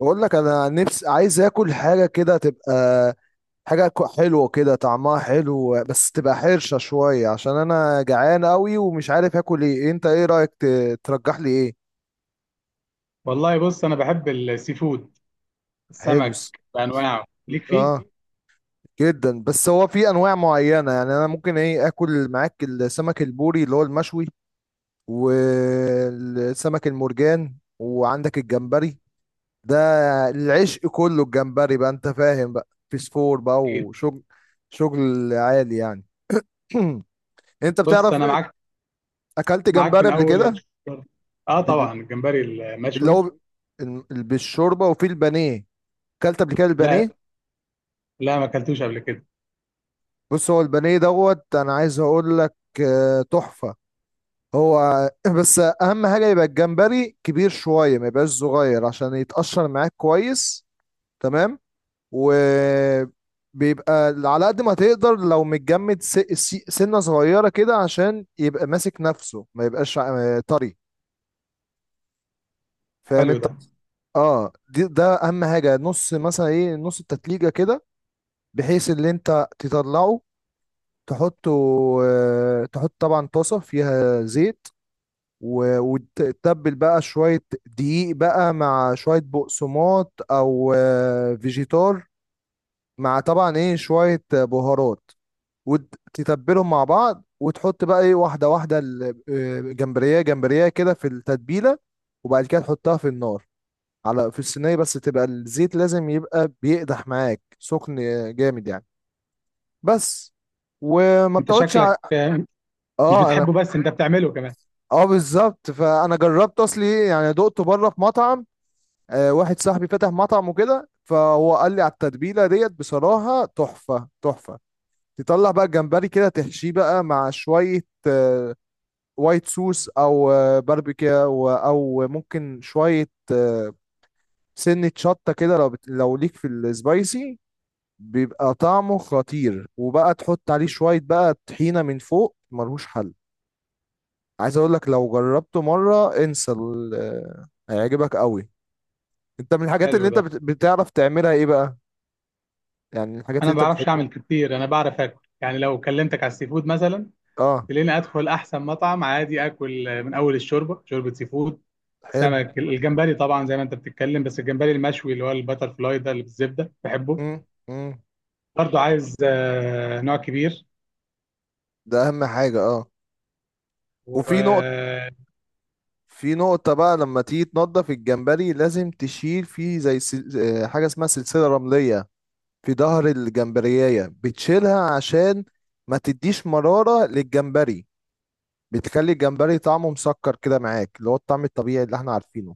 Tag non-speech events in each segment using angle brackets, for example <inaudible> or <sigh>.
بقول لك انا نفسي عايز اكل حاجه كده تبقى حاجه حلوه كده، طعمها حلو بس تبقى حرشه شويه، عشان انا جعان قوي ومش عارف اكل ايه. انت ايه رايك، ترجح لي ايه؟ والله بص انا بحب السي فود. حلو. السمك بانواعه ليك فيه. اه، جدا. بس هو في انواع معينه، يعني انا ممكن ايه اكل معاك السمك البوري اللي هو المشوي. والسمك المرجان، وعندك الجمبري ده العشق كله. الجمبري بقى، انت فاهم بقى، فسفور بقى اكيد. وشغل، شغل عالي يعني. <clears throat> انت بص بتعرف، انا معاك، اكلت معاك جمبري من قبل اول كده؟ الشهر. اه بال- طبعا الجمبري اللي المشوي. هو بالشوربه وفي البانيه. اكلت قبل كده لا، البانيه؟ لا ما اكلتوش قبل كده. بص، هو البانيه دوت، انا عايز اقول لك، تحفه. هو <laughs> <clears throat> بس اهم حاجه يبقى الجمبري كبير شويه، ما يبقاش صغير، عشان يتقشر معاك كويس. تمام. وبيبقى على قد ما تقدر لو متجمد، سنة صغيرة كده، عشان يبقى ماسك نفسه، ما يبقاش طري. فاهم حلو انت؟ ده. اه، ده اهم حاجة. نص، مثلا نص التتليجة كده، بحيث اللي انت تطلعه، تحطه، تحط طبعا طاسة فيها زيت، وتتبل بقى شوية دقيق بقى مع شوية بقسماط أو فيجيتار، مع طبعا شوية بهارات. وتتبلهم مع بعض، وتحط بقى واحده واحده جمبريه جمبريه كده في التتبيله. وبعد كده تحطها في النار، على في الصينيه، بس تبقى الزيت لازم يبقى بيقدح معاك، سخن جامد يعني. بس. وما انت بتقعدش شكلك مش اه، انا. بتحبه بس انت بتعمله كمان. اه، بالظبط. فانا جربت اصلي، يعني دقته بره في مطعم. واحد صاحبي فتح مطعم وكده، فهو قال لي على التتبيله ديت، بصراحه تحفه تحفه. تطلع بقى الجمبري كده، تحشيه بقى مع شويه آه، وايت صوص، او باربيكا، او ممكن شويه، سنه شطه كده، لو ليك في السبايسي. بيبقى طعمه خطير. وبقى تحط عليه شويه بقى طحينه من فوق، ملهوش حل. عايز اقول لك، لو جربته مره انسى، هيعجبك قوي. انت، من الحاجات اللي حلو انت ده. بتعرف تعملها ايه بقى؟ يعني الحاجات اللي انا ما انت بعرفش بتحبها. اعمل كتير، انا بعرف اكل. يعني لو كلمتك على السي فود مثلا اه، تلاقيني ادخل احسن مطعم عادي اكل، من اول الشوربه، شوربه سي فود، حلو. سمك، الجمبري طبعا زي ما انت بتتكلم. بس الجمبري المشوي اللي هو البتر فلاي ده اللي بالزبده بحبه. امم. امم. برضو عايز نوع كبير. ده اهم حاجه، اه. وفي نقطه وانا في نقطة بقى، لما تيجي تنضف الجمبري لازم تشيل فيه، زي سل... آه، حاجة اسمها سلسلة رملية في ظهر الجمبرياية، بتشيلها عشان ما تديش مرارة للجمبري. بتخلي الجمبري طعمه مسكر كده معاك، اللي هو الطعم الطبيعي اللي احنا عارفينه.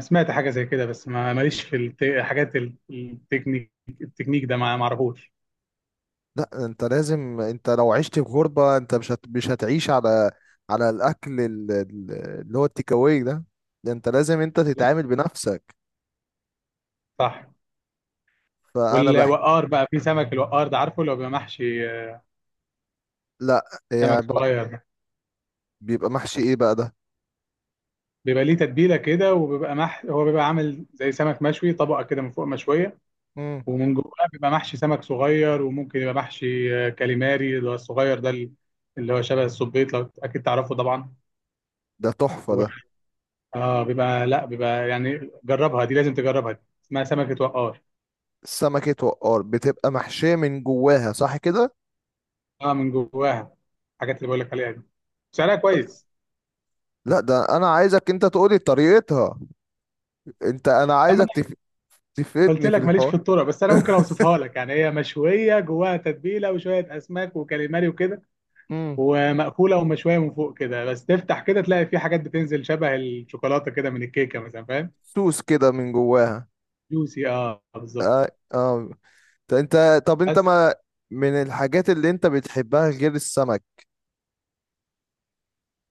سمعت حاجه زي كده بس ما ماليش في حاجات التكنيك. التكنيك ده ما اعرفوش. لا، انت لو عشت في غربة، انت مش هتعيش على الاكل، اللي هو التيك اواي ده. ده انت لازم انت لا، تتعامل بنفسك. صح. فانا بحكي. والوقار بقى، في سمك الوقار ده، عارفه لو بيبقى محشي لا، يعني سمك بقى، صغير ده، بيبقى محشي ايه بقى؟ بيبقى ليه تتبيله كده وبيبقى مح، هو بيبقى عامل زي سمك مشوي طبقه كده من فوق مشويه ده ومن جواه بيبقى محشي سمك صغير، وممكن يبقى محشي كاليماري اللي هو الصغير ده، اللي هو شبه السبيط لو اكيد تعرفه طبعا. ده تحفة ده. اه بيبقى، لا بيبقى، يعني جربها دي، لازم تجربها دي. اسمها سمكة وقار. سمكة وقار بتبقى محشية من جواها، صح كده؟ اه من جواها. الحاجات اللي بقول لك عليها دي سعرها كويس. لا، ده أنا عايزك أنت تقولي طريقتها. أنت، أنا اما عايزك انا قلت تفيدني في لك ماليش في الحوار. الطرق، بس انا ممكن <laughs> اوصفها لك. يعني هي مشوية جواها تتبيلة وشوية اسماك وكاليماري وكده، امم ومأكولة ومشوية من فوق كده. بس تفتح كده تلاقي في حاجات بتنزل شبه الشوكولاتة كده من الكيكة مثلا، فاهم. سوس كده من جواها. جوسي، اه بالظبط. آه. آه. ط- أنت طب أنت، بس ما من الحاجات اللي أنت بتحبها غير السمك؟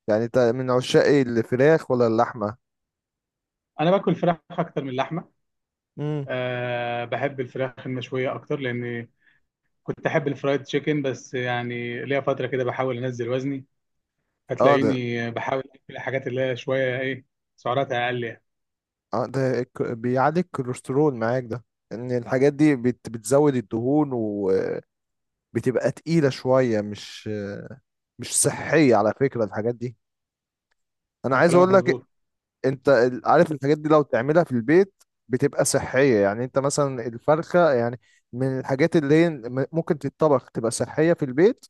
يعني أنت من عشاق الفراخ ولا اللحمة؟ انا باكل فراخ اكتر من اللحمة. امم. أه بحب الفراخ المشوية اكتر، لان كنت احب الفرايد تشيكن بس يعني ليا فتره كده بحاول انزل وزني. اه، هتلاقيني بحاول اكل الحاجات اللي هي شويه ايه، سعراتها اقل يعني. ده بيعلي الكوليسترول معاك ده، ان الحاجات دي بتزود الدهون، وبتبقى تقيلة شوية، مش صحية على فكرة الحاجات دي. انا عايز كلامك اقول لك، مظبوط. انت عارف الحاجات دي لو تعملها في البيت بتبقى صحية، يعني انت مثلا الفرخة يعني، من الحاجات اللي هي ممكن تتطبخ تبقى صحية في البيت،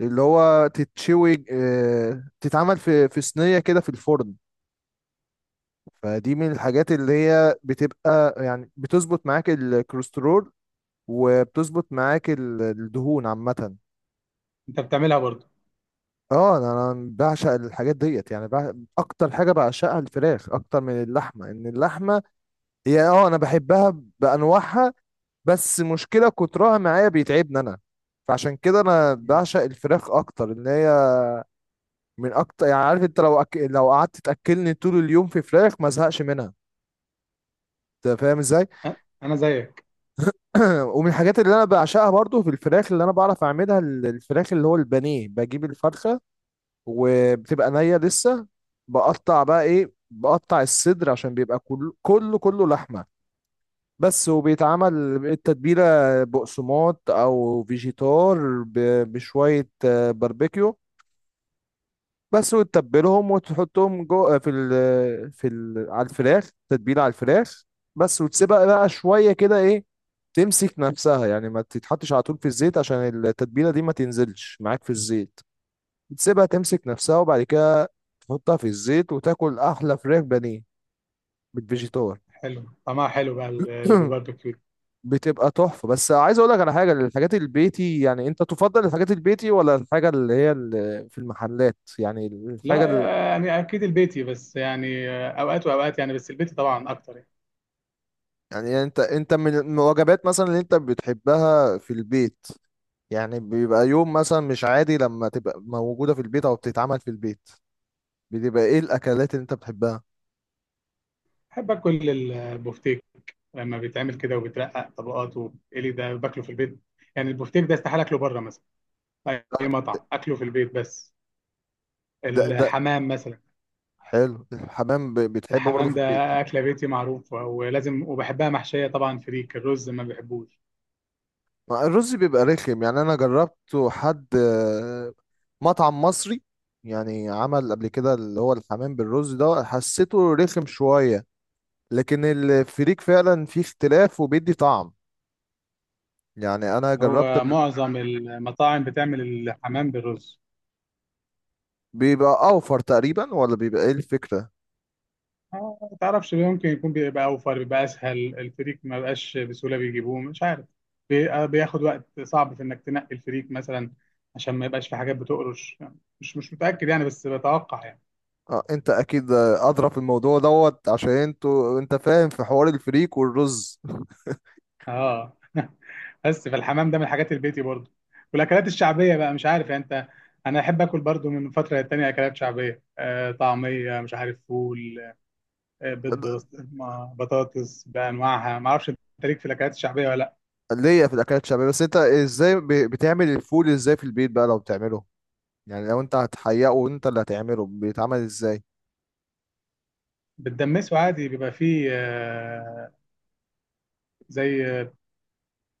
اللي هو تتشوي، تتعمل في صينية كده في الفرن. فدي من الحاجات اللي هي بتبقى، يعني بتظبط معاك الكوليسترول، وبتظبط معاك الدهون عامة. انت بتعملها برضو. اه، انا بعشق الحاجات ديت، يعني اكتر حاجه بعشقها الفراخ اكتر من اللحمه، ان اللحمه هي، انا بحبها بانواعها. بس مشكله كترها معايا بيتعبني انا. فعشان كده انا مم. بعشق الفراخ اكتر، ان هي من اكتر يعني. عارف انت، لو لو قعدت تاكلني طول اليوم في فراخ ما ازهقش منها. انت فاهم ازاي؟ أه، انا زيك. <clears throat> ومن الحاجات اللي انا بعشقها برضو في الفراخ، اللي انا بعرف اعملها، الفراخ اللي هو البانيه، بجيب الفرخه، وبتبقى نية لسه. بقطع بقى ايه بقطع الصدر، عشان بيبقى كله كله كله لحمة بس، وبيتعمل التتبيلة بقسماط او فيجيتار، بشوية باربيكيو بس، وتتبلهم وتحطهم جوه في ال في ال على الفراخ، تتبيلة على الفراخ بس، وتسيبها بقى شوية كده، تمسك نفسها، يعني ما تتحطش على طول في الزيت، عشان التتبيلة دي ما تنزلش معاك في الزيت، بتسيبها تمسك نفسها، وبعد كده تحطها في الزيت، وتاكل احلى فراخ بانيه بالفيجيتار. <laughs> حلو، طعمها حلو بقى اللي <clears throat> بالباربيكيو. بتبقى تحفه. بس عايز اقول لك على حاجه، الحاجات البيتي يعني، انت تفضل الحاجات البيتي ولا الحاجه اللي هي اللي في المحلات، يعني لا، الحاجه اللي، يعني اكيد البيتي، بس يعني اوقات واوقات يعني، بس البيتي طبعا اكتر يعني. يعني انت، من الوجبات مثلا اللي انت بتحبها في البيت، يعني بيبقى يوم مثلا مش عادي لما تبقى موجوده في البيت او بتتعمل في البيت، بتبقى ايه الاكلات اللي انت بتحبها؟ بحب اكل البوفتيك، لما بيتعمل كده وبيترقق طبقات وبيتقلي، ده باكله في البيت. يعني البوفتيك ده استحاله اكله بره مثلا في اي مطعم، اكله في البيت بس. ده الحمام مثلا، حلو، الحمام، بتحبه برضه الحمام في ده البيت؟ أكلة بيتي معروفة ولازم، وبحبها محشية طبعا فريك، الرز ما بحبوش. ما الرز بيبقى رخم يعني، انا جربته حد مطعم مصري، يعني عمل قبل كده اللي هو الحمام بالرز ده، حسيته رخم شوية. لكن الفريك فعلا فيه اختلاف وبيدي طعم، يعني انا جربت هو قبل. معظم المطاعم بتعمل الحمام بالرز. بيبقى اوفر تقريبا ولا بيبقى ايه الفكرة؟ ما تعرفش ليه، ممكن يكون بيبقى أوفر، بيبقى أسهل، الفريك ما بقاش بسهولة بيجيبوه، مش عارف. بياخد وقت صعب في إنك تنقي الفريك مثلا عشان ما يبقاش في حاجات بتقرش. مش متأكد يعني، بس بتوقع يعني. اه، انت اكيد ادرى في الموضوع دوت، عشان انت فاهم في حوار الفريك والرز. اه. بس فالحمام ده من الحاجات البيتي برضو، والاكلات الشعبيه بقى مش عارف يعني انت. انا احب اكل برضو من فتره للتانيه اكلات شعبيه، آه طعميه مش عارف، فول، آه بيض، <laughs> بسطرمه، بطاطس بانواعها. ما اعرفش انت ليك في الاكلات الشعبيه ولا لا. ليا في الاكلات الشعبية. بس انت ازاي، بتعمل الفول ازاي في البيت بقى، لو بتعمله؟ يعني لو انت هتحققه، وانت اللي هتعمله، بيتعمل ازاي؟ بتدمسه عادي، بيبقى فيه آه، زي،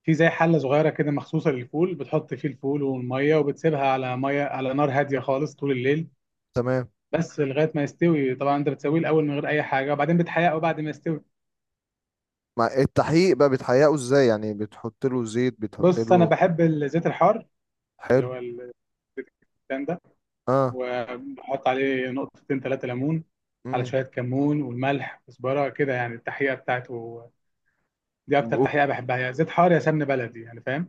في زي حله صغيره كده مخصوصه للفول، بتحط فيه الفول والميه وبتسيبها على ميه، على نار هاديه خالص طول الليل. تمام. بس لغايه ما يستوي. طبعا انت بتسويه الاول من غير اي حاجه، وبعدين بتحيقه بعد ما يستوي. ما التحقيق بقى، بتحققه ازاي يعني؟ بتحط له زيت، بتحط بص انا له. بحب الزيت الحار اللي حلو، هو الزيتون ده، اه. وبحط عليه نقطتين ثلاثة ليمون، على امم. شوية كمون والملح كزبرة كده، يعني التحقيقة بتاعته دي أكتر تحقيقة بحبها. يا زيت حار يا سمن بلدي، يعني فاهم.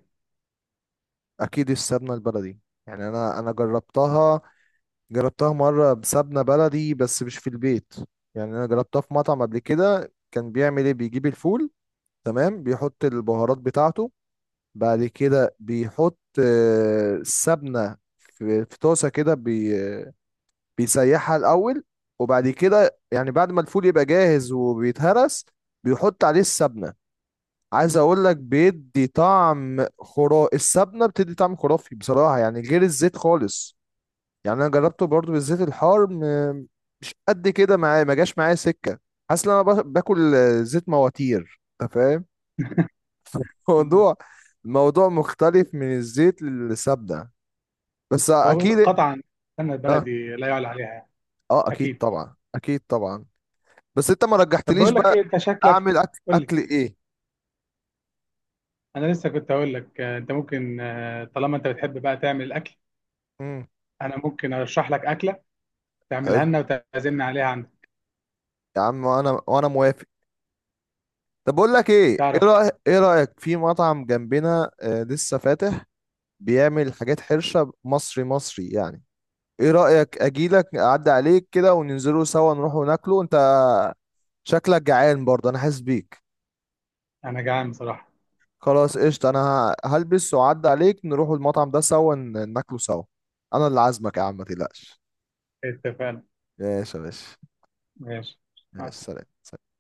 اكيد السمنه البلدي، يعني انا جربتها مره بسمنه بلدي، بس مش في البيت. يعني انا جربتها في مطعم قبل كده، كان بيعمل بيجيب الفول. تمام، بيحط البهارات بتاعته. بعد كده بيحط السمنه في طاسه كده، بيسيحها الاول، وبعد كده يعني بعد ما الفول يبقى جاهز وبيتهرس، بيحط عليه السبنه. عايز اقول لك، بيدي طعم خرافي، السبنه بتدي طعم خرافي بصراحه، يعني غير الزيت خالص. يعني انا جربته برضو بالزيت الحار، مش قد كده معايا، ما جاش معايا سكه. حاسس ان انا باكل زيت مواتير، انت فاهم؟ <laughs> مم. الموضوع الموضوع مختلف من الزيت للسبنه، بس هو بص، اكيد. قطعا السمنة اه، البلدي لا يعلى عليها يعني. اه، اكيد أكيد. طبعا، اكيد طبعا. بس انت ما طب رجحتليش بقول لك بقى، إيه، أنت شكلك. اعمل قول لي. اكل ايه؟ أنا لسه كنت أقول لك، أنت ممكن، طالما أنت بتحب بقى تعمل الأكل، امم. أنا ممكن أرشح لك أكلة تعملها حلو لنا وتعزمني عليها عندك. يا عم، وانا موافق. طب بقول لك ايه، تعرف، ايه رايك في مطعم جنبنا، آه، لسه فاتح، بيعمل حاجات حرشه، مصري مصري يعني. ايه رايك اجيلك اعدي عليك كده وننزلوا سوا نروحوا ناكله. انت شكلك جعان برضه، انا حاسس بيك. أنا جعان بصراحة. خلاص قشطه. انا هلبس واعدي عليك، نروحوا المطعم ده سوا، ناكله سوا. انا اللي عازمك يا عم، ما تقلقش. اتفقنا. ماشي يا باشا. ماشي. مع ماشي. السلامة. سلام.